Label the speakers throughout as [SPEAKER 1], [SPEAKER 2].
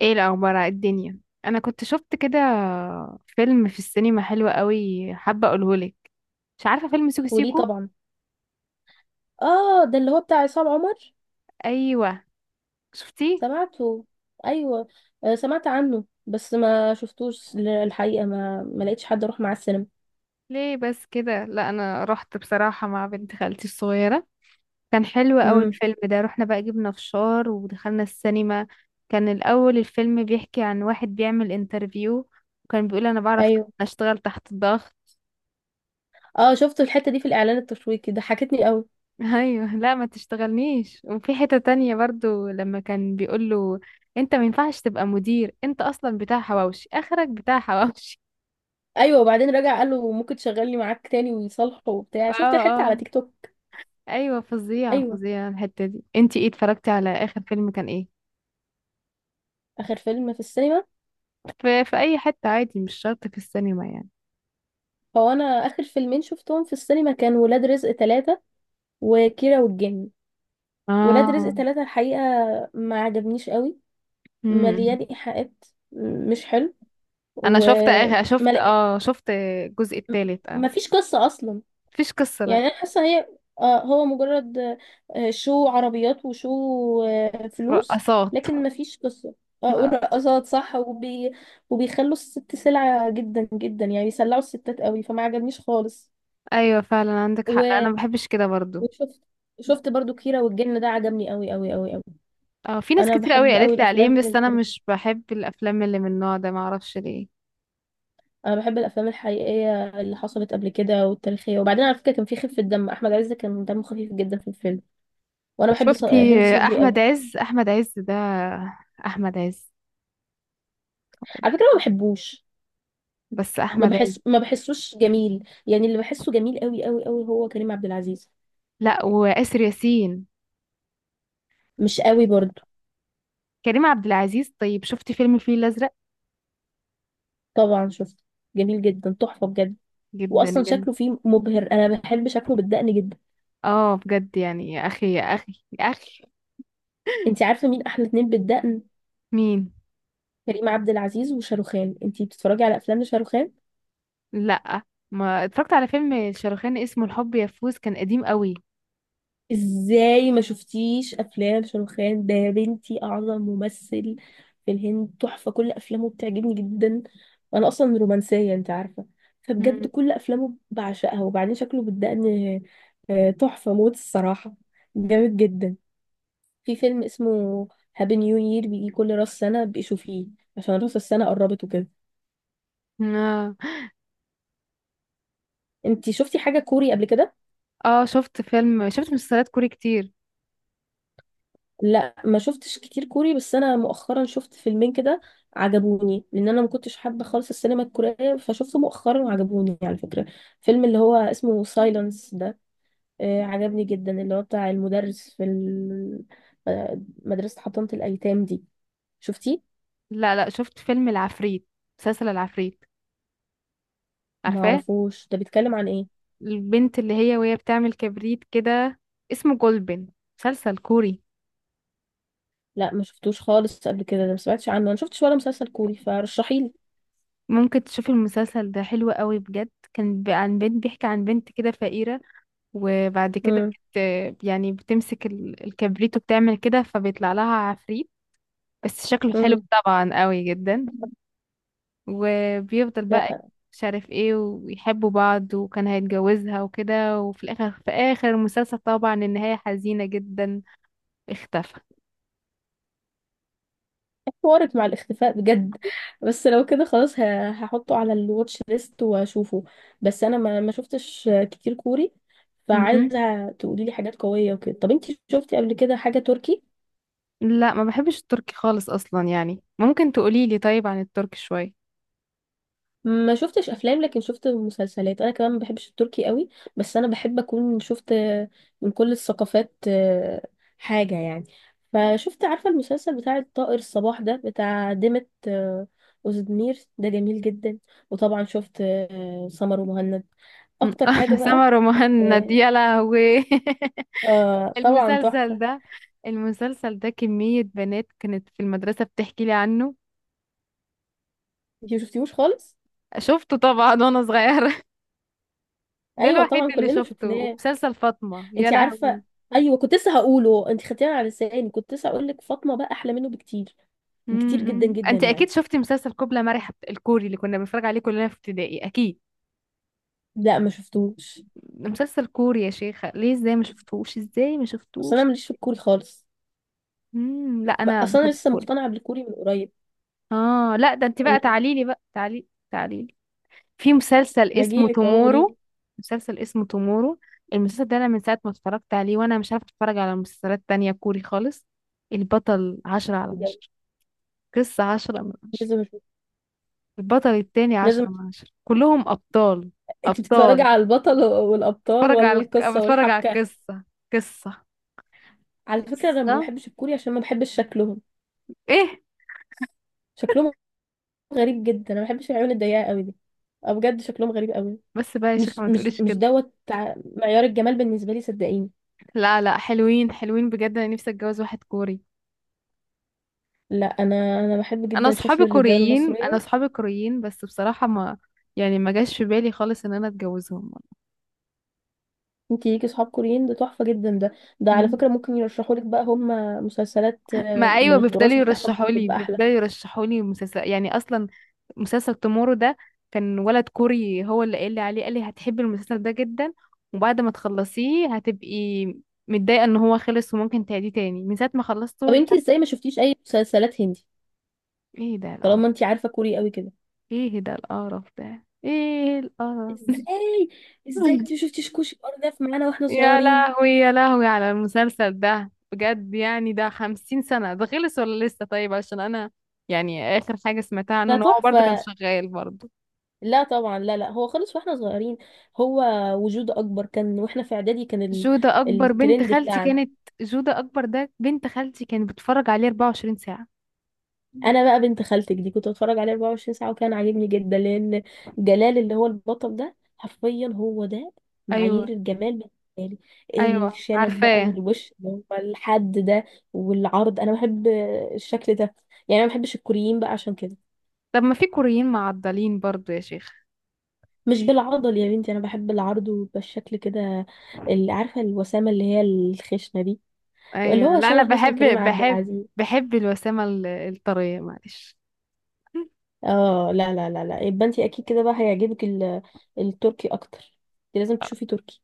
[SPEAKER 1] ايه الاخبار على الدنيا؟ انا كنت شفت كده فيلم في السينما حلو قوي، حابه اقولهولك. مش عارفه فيلم سيكو
[SPEAKER 2] وليه
[SPEAKER 1] سيكو؟
[SPEAKER 2] طبعا. اه، ده اللي هو بتاع عصام عمر.
[SPEAKER 1] ايوه، شفتيه؟
[SPEAKER 2] سمعته. ايوه. آه، سمعت عنه بس ما شفتوش. الحقيقه ما لقيتش حد اروح معاه السينما.
[SPEAKER 1] ليه بس كده؟ لا، انا رحت بصراحه مع بنت خالتي الصغيره. كان حلو قوي
[SPEAKER 2] امم.
[SPEAKER 1] الفيلم ده. رحنا بقى، جبنا فشار ودخلنا السينما. كان الاول الفيلم بيحكي عن واحد بيعمل انترفيو، وكان بيقول انا بعرف
[SPEAKER 2] ايوه.
[SPEAKER 1] اشتغل تحت الضغط.
[SPEAKER 2] اه شفت الحته دي في الاعلان التشويقي ضحكتني قوي.
[SPEAKER 1] ايوه، لا ما تشتغلنيش. وفي حتة تانية برضو لما كان بيقول له انت ما ينفعش تبقى مدير، انت اصلا بتاع حواوشي، اخرك بتاع حواوشي.
[SPEAKER 2] ايوه، وبعدين رجع قال له ممكن تشغلني معاك تاني ويصالحه وبتاع،
[SPEAKER 1] اه
[SPEAKER 2] شفت الحته على
[SPEAKER 1] اه،
[SPEAKER 2] تيك توك.
[SPEAKER 1] ايوه فظيعة
[SPEAKER 2] ايوه.
[SPEAKER 1] فظيعة الحتة دي. انتي ايه، اتفرجتي على اخر فيلم كان ايه؟
[SPEAKER 2] اخر فيلم في السينما،
[SPEAKER 1] في اي حتة عادي، مش شرط في السينما يعني.
[SPEAKER 2] هو انا اخر فيلمين شفتهم في السينما كان ولاد رزق ثلاثة وكيرة والجن. ولاد
[SPEAKER 1] اه.
[SPEAKER 2] رزق ثلاثة الحقيقه ما عجبنيش قوي، مليان
[SPEAKER 1] امم.
[SPEAKER 2] ايحاءات. مش حلو.
[SPEAKER 1] انا
[SPEAKER 2] وما
[SPEAKER 1] شفت الجزء التالت. اه.
[SPEAKER 2] مفيش قصة اصلا.
[SPEAKER 1] مفيش قصة،
[SPEAKER 2] يعني
[SPEAKER 1] لا.
[SPEAKER 2] انا حاسة هي، آه، هو مجرد، آه، شو عربيات وشو، آه، فلوس،
[SPEAKER 1] رقصات.
[SPEAKER 2] لكن مفيش قصة. آه،
[SPEAKER 1] آه.
[SPEAKER 2] ورقصات صح وبي... وبيخلوا الست سلعة جدا جدا، يعني بيسلعوا الستات قوي فما عجبنيش خالص.
[SPEAKER 1] ايوه فعلا عندك حق. لا،
[SPEAKER 2] و-
[SPEAKER 1] انا ما بحبش كده برضو.
[SPEAKER 2] وشفت، شفت برضو كيرة والجن ده عجبني قوي قوي قوي قوي.
[SPEAKER 1] اه، في ناس
[SPEAKER 2] انا
[SPEAKER 1] كتير قوي
[SPEAKER 2] بحب قوي
[SPEAKER 1] قالت لي عليه،
[SPEAKER 2] الافلام،
[SPEAKER 1] بس انا مش بحب الافلام اللي من النوع ده، ما اعرفش ليه.
[SPEAKER 2] انا بحب الافلام الحقيقيه اللي حصلت قبل كده والتاريخيه. وبعدين على فكره كان في خفه دم، احمد عز كان دمه خفيف جدا في الفيلم. وانا بحب
[SPEAKER 1] شفتي
[SPEAKER 2] هند صبري قوي.
[SPEAKER 1] احمد عز؟ احمد عز ده احمد عز
[SPEAKER 2] على فكره ما بحبوش،
[SPEAKER 1] بس
[SPEAKER 2] ما
[SPEAKER 1] احمد عز.
[SPEAKER 2] بحس، ما بحسوش جميل يعني. اللي بحسه جميل قوي قوي قوي هو كريم عبد العزيز،
[SPEAKER 1] لا، واسر ياسين.
[SPEAKER 2] مش قوي برضه.
[SPEAKER 1] كريم عبد العزيز. طيب شفتي فيلم الفيل الازرق؟
[SPEAKER 2] طبعا شفت، جميل جدا تحفه بجد.
[SPEAKER 1] جدا
[SPEAKER 2] واصلا
[SPEAKER 1] جدا.
[SPEAKER 2] شكله فيه مبهر، انا بحب شكله بالدقن جدا.
[SPEAKER 1] اه بجد يعني، يا اخي يا اخي يا اخي.
[SPEAKER 2] انت عارفه مين احلى اتنين بالدقن؟
[SPEAKER 1] مين؟
[SPEAKER 2] كريم عبد العزيز وشاروخان. انت بتتفرجي على افلام لشاروخان؟
[SPEAKER 1] لا، ما اتفرجت على فيلم شاروخان اسمه الحب يفوز، كان قديم قوي.
[SPEAKER 2] ازاي ما شفتيش افلام شاروخان ده يا بنتي؟ اعظم ممثل في الهند، تحفه، كل افلامه بتعجبني جدا. وانا اصلا رومانسيه انت عارفه، فبجد
[SPEAKER 1] مم.
[SPEAKER 2] كل افلامه بعشقها. وبعدين شكله بالدقن، آه، تحفه موت الصراحه، جامد جدا. في فيلم اسمه هابي نيو يير بيجي كل راس سنه بيشوفيه، عشان راس السنه قربت وكده.
[SPEAKER 1] اه.
[SPEAKER 2] انت شفتي حاجه كوري قبل كده؟
[SPEAKER 1] آه، شفت مسلسلات كوري كتير.
[SPEAKER 2] لا ما شفتش كتير كوري، بس انا مؤخرا شفت فيلمين كده عجبوني، لان انا ما كنتش حابه خالص السينما الكوريه، فشفته مؤخرا وعجبوني على فكره. فيلم اللي هو اسمه سايلنس ده، آه عجبني جدا، اللي هو بتاع المدرس في آه، مدرسه حضانه الايتام دي. شفتيه؟
[SPEAKER 1] لا لا، شفت فيلم العفريت، مسلسل العفريت.
[SPEAKER 2] ما
[SPEAKER 1] عارفاه؟
[SPEAKER 2] اعرفوش، ده بيتكلم عن ايه؟
[SPEAKER 1] البنت اللي هي وهي بتعمل كبريت كده، اسمه جولبن، مسلسل كوري.
[SPEAKER 2] لا ما شفتوش خالص قبل كده، ده ما سمعتش عنه. انا شفتش ولا مسلسل كوري، فرشحيلي.
[SPEAKER 1] ممكن تشوف المسلسل ده، حلو قوي بجد. عن بنت، بيحكي عن بنت كده فقيرة، وبعد كده
[SPEAKER 2] امم.
[SPEAKER 1] بت يعني بتمسك الكبريت وبتعمل كده، فبيطلع لها عفريت. بس شكله حلو
[SPEAKER 2] امم.
[SPEAKER 1] طبعا، قوي جدا. وبيفضل بقى مش عارف ايه، ويحبوا بعض، وكان هيتجوزها وكده، وفي الاخر في اخر المسلسل طبعا النهاية حزينة جدا. اختفى.
[SPEAKER 2] حوارك مع الاختفاء بجد. بس لو كده خلاص هحطه على الواتش ليست واشوفه. بس انا ما شفتش كتير كوري، فعايزه
[SPEAKER 1] مهم.
[SPEAKER 2] تقولي لي حاجات قويه وكده. طب انتي شفتي قبل كده حاجه تركي؟
[SPEAKER 1] لا، ما بحبش التركي خالص اصلا، يعني ممكن تقولي لي طيب عن التركي شوية.
[SPEAKER 2] ما شفتش افلام لكن شفت مسلسلات. انا كمان ما بحبش التركي قوي، بس انا بحب اكون شفت من كل الثقافات آه، حاجه يعني. فشفت عارفه المسلسل بتاع الطائر الصباح ده بتاع ديمت آه، أوزدمير، ده جميل جدا. وطبعا شفت آه، سمر ومهند اكتر حاجه بقى.
[SPEAKER 1] سمر مهند
[SPEAKER 2] آه،
[SPEAKER 1] يا لهوي.
[SPEAKER 2] آه، طبعا
[SPEAKER 1] المسلسل
[SPEAKER 2] تحفه.
[SPEAKER 1] ده، المسلسل ده كمية بنات كانت في المدرسة بتحكي لي عنه.
[SPEAKER 2] انتي مشفتيهوش خالص؟
[SPEAKER 1] شفته طبعا وانا صغيرة. ده
[SPEAKER 2] ايوه
[SPEAKER 1] الوحيد
[SPEAKER 2] طبعا
[SPEAKER 1] اللي
[SPEAKER 2] كلنا
[SPEAKER 1] شفته.
[SPEAKER 2] شفناه.
[SPEAKER 1] ومسلسل فاطمة، يا
[SPEAKER 2] انتي عارفه،
[SPEAKER 1] لهوي.
[SPEAKER 2] ايوه كنت لسه هقوله، انتي خدتيها على لساني، كنت لسه هقول لك فاطمه بقى احلى منه بكتير، كتير جدا
[SPEAKER 1] امم.
[SPEAKER 2] جدا
[SPEAKER 1] انت
[SPEAKER 2] يعني.
[SPEAKER 1] اكيد شفتي مسلسل كوبلا مرح، الكوري اللي كنا بنتفرج عليه كلنا في ابتدائي، اكيد.
[SPEAKER 2] لا ما شفتوش،
[SPEAKER 1] مسلسل كوري يا شيخة، ليه؟ ازاي ما شفتوش؟ ازاي ما
[SPEAKER 2] اصل انا
[SPEAKER 1] شفتوش؟
[SPEAKER 2] ماليش في الكوري خالص.
[SPEAKER 1] امم. لا، انا
[SPEAKER 2] اصل انا
[SPEAKER 1] بحب
[SPEAKER 2] لسه
[SPEAKER 1] الكوري.
[SPEAKER 2] مقتنعه بالكوري من قريب.
[SPEAKER 1] اه لا، ده انت بقى
[SPEAKER 2] لا،
[SPEAKER 1] تعاليلي بقى، تعاليلي. في مسلسل اسمه
[SPEAKER 2] هجيلك اهو، قولي
[SPEAKER 1] تومورو. مسلسل اسمه تومورو، المسلسل ده انا من ساعة ما اتفرجت عليه وانا مش عارفة اتفرج على مسلسلات تانية كوري خالص. البطل عشرة على
[SPEAKER 2] لي.
[SPEAKER 1] عشرة قصة 10 من 10،
[SPEAKER 2] لازم اشوف،
[SPEAKER 1] البطل التاني
[SPEAKER 2] لازم.
[SPEAKER 1] 10 من 10، كلهم أبطال.
[SPEAKER 2] انت بتتفرجي
[SPEAKER 1] أبطال.
[SPEAKER 2] على البطل والابطال
[SPEAKER 1] بتفرج
[SPEAKER 2] ولا
[SPEAKER 1] على
[SPEAKER 2] القصه
[SPEAKER 1] بتفرج على
[SPEAKER 2] والحبكه؟
[SPEAKER 1] القصة. قصة.
[SPEAKER 2] على فكره انا ما
[SPEAKER 1] قصة.
[SPEAKER 2] بحبش الكوري عشان ما بحبش شكلهم.
[SPEAKER 1] ايه.
[SPEAKER 2] شكلهم غريب جدا، انا ما بحبش العيون الضيقه قوي دي. أه بجد شكلهم غريب قوي.
[SPEAKER 1] بس بقى يا
[SPEAKER 2] مش
[SPEAKER 1] شيخة، ما
[SPEAKER 2] مش
[SPEAKER 1] تقوليش
[SPEAKER 2] مش
[SPEAKER 1] كده.
[SPEAKER 2] دوت معيار الجمال بالنسبه لي صدقيني.
[SPEAKER 1] لا لا، حلوين بجد، انا نفسي اتجوز واحد كوري.
[SPEAKER 2] لا انا، انا بحب
[SPEAKER 1] انا
[SPEAKER 2] جدا شكل
[SPEAKER 1] اصحابي
[SPEAKER 2] الرجاله
[SPEAKER 1] كوريين انا
[SPEAKER 2] المصريه.
[SPEAKER 1] اصحابي كوريين، بس بصراحة ما، يعني ما جاش في بالي خالص ان انا اتجوزهم.
[SPEAKER 2] انتي ليكي صحاب كوريين، ده تحفة جدا ده. ده على
[SPEAKER 1] مم.
[SPEAKER 2] فكرة ممكن يرشحوا لك بقى هم مسلسلات
[SPEAKER 1] ما
[SPEAKER 2] آه،
[SPEAKER 1] ايوه،
[SPEAKER 2] من
[SPEAKER 1] بيفضلوا
[SPEAKER 2] التراث بتاعهم
[SPEAKER 1] يرشحوا لي
[SPEAKER 2] بتبقى احلى.
[SPEAKER 1] بيفضلوا يرشحوا لي مسلسل يعني اصلا. مسلسل تومورو ده كان ولد كوري هو اللي قال لي عليه، قال لي هتحبي المسلسل ده جدا، وبعد ما تخلصيه هتبقي متضايقة ان هو خلص، وممكن تعيديه تاني من ساعة ما
[SPEAKER 2] طب
[SPEAKER 1] خلصته، مش
[SPEAKER 2] انتي
[SPEAKER 1] عارفة.
[SPEAKER 2] ازاي ما شفتيش اي مسلسلات هندي
[SPEAKER 1] ايه ده القرف؟
[SPEAKER 2] طالما انتي عارفة كوري قوي كده؟
[SPEAKER 1] ايه ده القرف؟ ده ايه القرف؟
[SPEAKER 2] ازاي؟ ازاي انتي ما شفتيش كوشي ارداف معانا واحنا
[SPEAKER 1] يا
[SPEAKER 2] صغيرين؟
[SPEAKER 1] لهوي يا لهوي على المسلسل ده بجد. يعني ده 50 سنة ده، خلص ولا لسه؟ طيب عشان انا يعني اخر حاجة سمعتها عنه
[SPEAKER 2] ده
[SPEAKER 1] ان هو برضه كان
[SPEAKER 2] تحفة.
[SPEAKER 1] شغال برضه.
[SPEAKER 2] لا طبعا، لا لا، هو خالص واحنا صغيرين. هو وجود اكبر كان واحنا في اعدادي، كان ال...
[SPEAKER 1] جودة أكبر بنت
[SPEAKER 2] الترند
[SPEAKER 1] خالتي
[SPEAKER 2] بتاعنا.
[SPEAKER 1] كانت، جودة أكبر ده بنت خالتي كانت بتتفرج عليه 24 ساعة.
[SPEAKER 2] انا بقى بنت خالتك دي كنت بتفرج عليه 24 ساعه وكان عاجبني جدا لان جلال اللي هو البطل ده حرفيا هو ده
[SPEAKER 1] أيوة.
[SPEAKER 2] معايير الجمال بالنسبه لي.
[SPEAKER 1] أيوة،
[SPEAKER 2] الشنب بقى
[SPEAKER 1] عارفاه.
[SPEAKER 2] والوش اللي هو الحد ده والعرض، انا بحب الشكل ده. يعني انا ما بحبش الكوريين بقى عشان كده.
[SPEAKER 1] طب ما في كوريين معضلين برضو يا شيخ.
[SPEAKER 2] مش بالعضل يا بنتي، انا بحب العرض وبالشكل كده، اللي عارفه الوسامه اللي هي الخشنه دي، اللي
[SPEAKER 1] أيوة
[SPEAKER 2] هو
[SPEAKER 1] لا، أنا
[SPEAKER 2] شبه مثلا
[SPEAKER 1] بحب،
[SPEAKER 2] كريم عبد
[SPEAKER 1] بحب
[SPEAKER 2] العزيز.
[SPEAKER 1] بحب الوسامة الطرية، معلش.
[SPEAKER 2] اه لا لا لا لا، يبقى انت اكيد كده بقى هيعجبك التركي اكتر. انت لازم تشوفي تركي.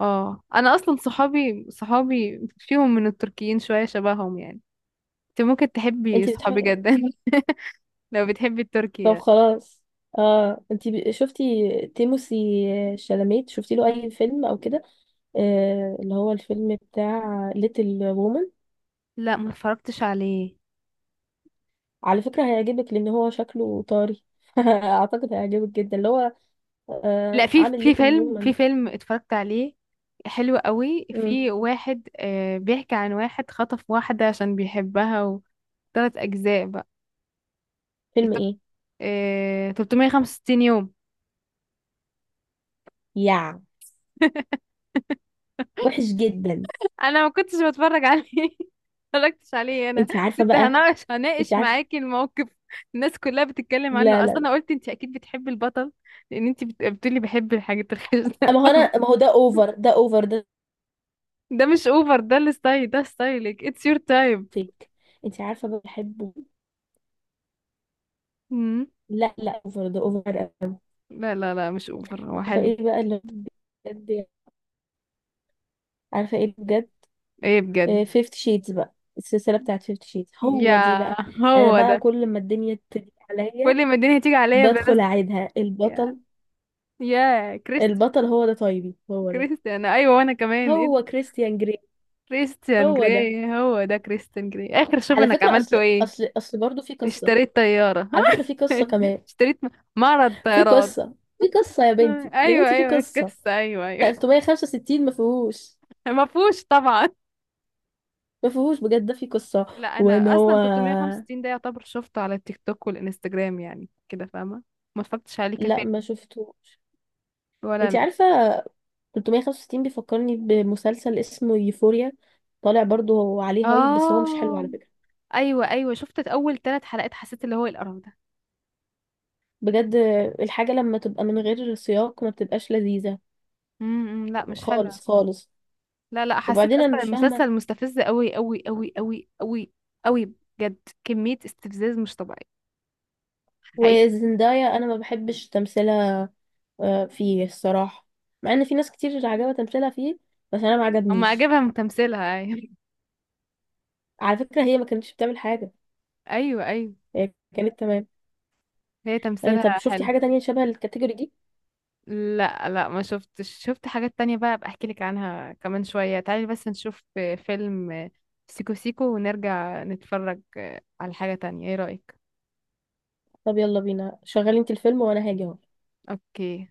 [SPEAKER 1] اه، أنا أصلا صحابي فيهم من التركيين شوية شبههم يعني. انت ممكن تحبي
[SPEAKER 2] انت
[SPEAKER 1] صحابي
[SPEAKER 2] بتحبي؟
[SPEAKER 1] جدا. لو بتحبي التركي
[SPEAKER 2] طب
[SPEAKER 1] يعني.
[SPEAKER 2] خلاص. اه، انت شفتي تيموسي شالاميت؟ شفتي له اي فيلم او كده؟ آه اللي هو الفيلم بتاع ليتل وومن.
[SPEAKER 1] لا، ما اتفرجتش عليه.
[SPEAKER 2] على فكرة هيعجبك، لان هو شكله طاري. اعتقد هيعجبك جدا، اللي هو
[SPEAKER 1] لا،
[SPEAKER 2] آه
[SPEAKER 1] في
[SPEAKER 2] عامل
[SPEAKER 1] في
[SPEAKER 2] ليتل
[SPEAKER 1] فيلم في
[SPEAKER 2] وومن.
[SPEAKER 1] فيلم اتفرجت عليه حلو قوي، في واحد، آه بيحكي عن واحد خطف واحدة عشان بيحبها، وثلاث أجزاء بقى.
[SPEAKER 2] فيلم
[SPEAKER 1] التلت-
[SPEAKER 2] ايه؟
[SPEAKER 1] آه، 365 يوم.
[SPEAKER 2] يا وحش جدا.
[SPEAKER 1] أنا ما كنتش بتفرج عليه. متفرجتش عليه أنا،
[SPEAKER 2] انت عارفة
[SPEAKER 1] كنت
[SPEAKER 2] بقى،
[SPEAKER 1] هناقش
[SPEAKER 2] انت
[SPEAKER 1] هناقش
[SPEAKER 2] عارفة.
[SPEAKER 1] معاكي الموقف. الناس كلها بتتكلم عنه،
[SPEAKER 2] لا
[SPEAKER 1] أصلا
[SPEAKER 2] لا،
[SPEAKER 1] أنا قلت أنت أكيد بتحبي البطل، لأن أنت بتقولي بحب الحاجات الخشنة.
[SPEAKER 2] ما هو انا، ما هو ده اوفر، ده اوفر ده
[SPEAKER 1] ده مش أوفر، ده الستايل، ده ستايلك، اتس يور تايم.
[SPEAKER 2] فيك. انت عارفه بقى بحبه. لا لا، اوفر ده، اوفر قوي.
[SPEAKER 1] لا، مش أوفر، هو
[SPEAKER 2] عارفه
[SPEAKER 1] حلو.
[SPEAKER 2] ايه بقى اللي بجد يعني؟ عارفه ايه بجد؟
[SPEAKER 1] ايه بجد؟
[SPEAKER 2] فيفت شيدز، بقى السلسله بتاعت فيفت شيدز
[SPEAKER 1] يا،
[SPEAKER 2] هو دي بقى. انا
[SPEAKER 1] هو
[SPEAKER 2] بقى
[SPEAKER 1] ده.
[SPEAKER 2] كل ما الدنيا تضيق عليا
[SPEAKER 1] كل ما الدنيا تيجي عليا بنزل.
[SPEAKER 2] بدخل اعيدها.
[SPEAKER 1] يا،
[SPEAKER 2] البطل،
[SPEAKER 1] يا كريستيان.
[SPEAKER 2] البطل هو ده، طيبي هو ده.
[SPEAKER 1] كريستيان، ايوه. وانا كمان ايه
[SPEAKER 2] هو
[SPEAKER 1] ده؟
[SPEAKER 2] كريستيان جري،
[SPEAKER 1] كريستيان
[SPEAKER 2] هو ده.
[SPEAKER 1] جراي هو ده، كريستيان جراي اخر، شوف
[SPEAKER 2] على
[SPEAKER 1] انك
[SPEAKER 2] فكره اصل
[SPEAKER 1] عملته ايه.
[SPEAKER 2] اصل اصل برضه في قصه.
[SPEAKER 1] اشتريت طيارة.
[SPEAKER 2] على فكره في قصه كمان.
[SPEAKER 1] اشتريت معرض
[SPEAKER 2] في
[SPEAKER 1] طيارات.
[SPEAKER 2] قصه، في قصه يا بنتي، يا
[SPEAKER 1] ايوه
[SPEAKER 2] بنتي في
[SPEAKER 1] ايوه
[SPEAKER 2] قصه.
[SPEAKER 1] القصة، ايوه ايوه.
[SPEAKER 2] 365 ما فيهوش،
[SPEAKER 1] ما فيهوش طبعا.
[SPEAKER 2] ما فيهوش بجد، ده في قصة.
[SPEAKER 1] لا،
[SPEAKER 2] وان
[SPEAKER 1] انا
[SPEAKER 2] هو،
[SPEAKER 1] اصلا 365 ده يعتبر شفته على التيك توك والانستجرام يعني كده، فاهمة؟ ما اتفرجتش عليه
[SPEAKER 2] لا
[SPEAKER 1] كفاية.
[SPEAKER 2] ما شفتوش.
[SPEAKER 1] ولا انا.
[SPEAKER 2] انتي عارفة، 365 بيفكرني بمسلسل اسمه يوفوريا، طالع برضو عليه هايب بس هو مش حلو
[SPEAKER 1] اه.
[SPEAKER 2] على فكرة.
[SPEAKER 1] ايوه ايوه، شفت اول 3 حلقات، حسيت اللي هو إيه القرف ده.
[SPEAKER 2] بجد، الحاجة لما تبقى من غير سياق ما بتبقاش لذيذة
[SPEAKER 1] امم، لا مش حلو.
[SPEAKER 2] خالص خالص.
[SPEAKER 1] لا لا، حسيت
[SPEAKER 2] وبعدين انا
[SPEAKER 1] اصلا
[SPEAKER 2] مش فاهمة.
[SPEAKER 1] المسلسل مستفز قوي قوي قوي قوي قوي قوي بجد، كمية استفزاز مش طبيعي. حقيقي.
[SPEAKER 2] وزندايا انا ما بحبش تمثيلها آه، فيه الصراحة، مع ان في ناس كتير عجبها تمثيلها فيه بس انا ما
[SPEAKER 1] اما
[SPEAKER 2] عجبنيش.
[SPEAKER 1] عجبها من تمثيلها، ايوه.
[SPEAKER 2] على فكرة هي ما كانتش بتعمل حاجة،
[SPEAKER 1] ايوه ايوه،
[SPEAKER 2] هي كانت تمام.
[SPEAKER 1] هي
[SPEAKER 2] آه،
[SPEAKER 1] تمثيلها
[SPEAKER 2] طب شفتي
[SPEAKER 1] حلو.
[SPEAKER 2] حاجة تانية شبه الكاتيجوري دي؟
[SPEAKER 1] لا لا، ما شفتش. شفت حاجات تانية بقى، ابقى احكي لك عنها كمان شوية. تعالي بس نشوف فيلم سيكو سيكو ونرجع نتفرج على حاجة تانية، ايه رأيك؟
[SPEAKER 2] طب يلا بينا، شغلي انت الفيلم وانا هاجي اهو.
[SPEAKER 1] اوكي.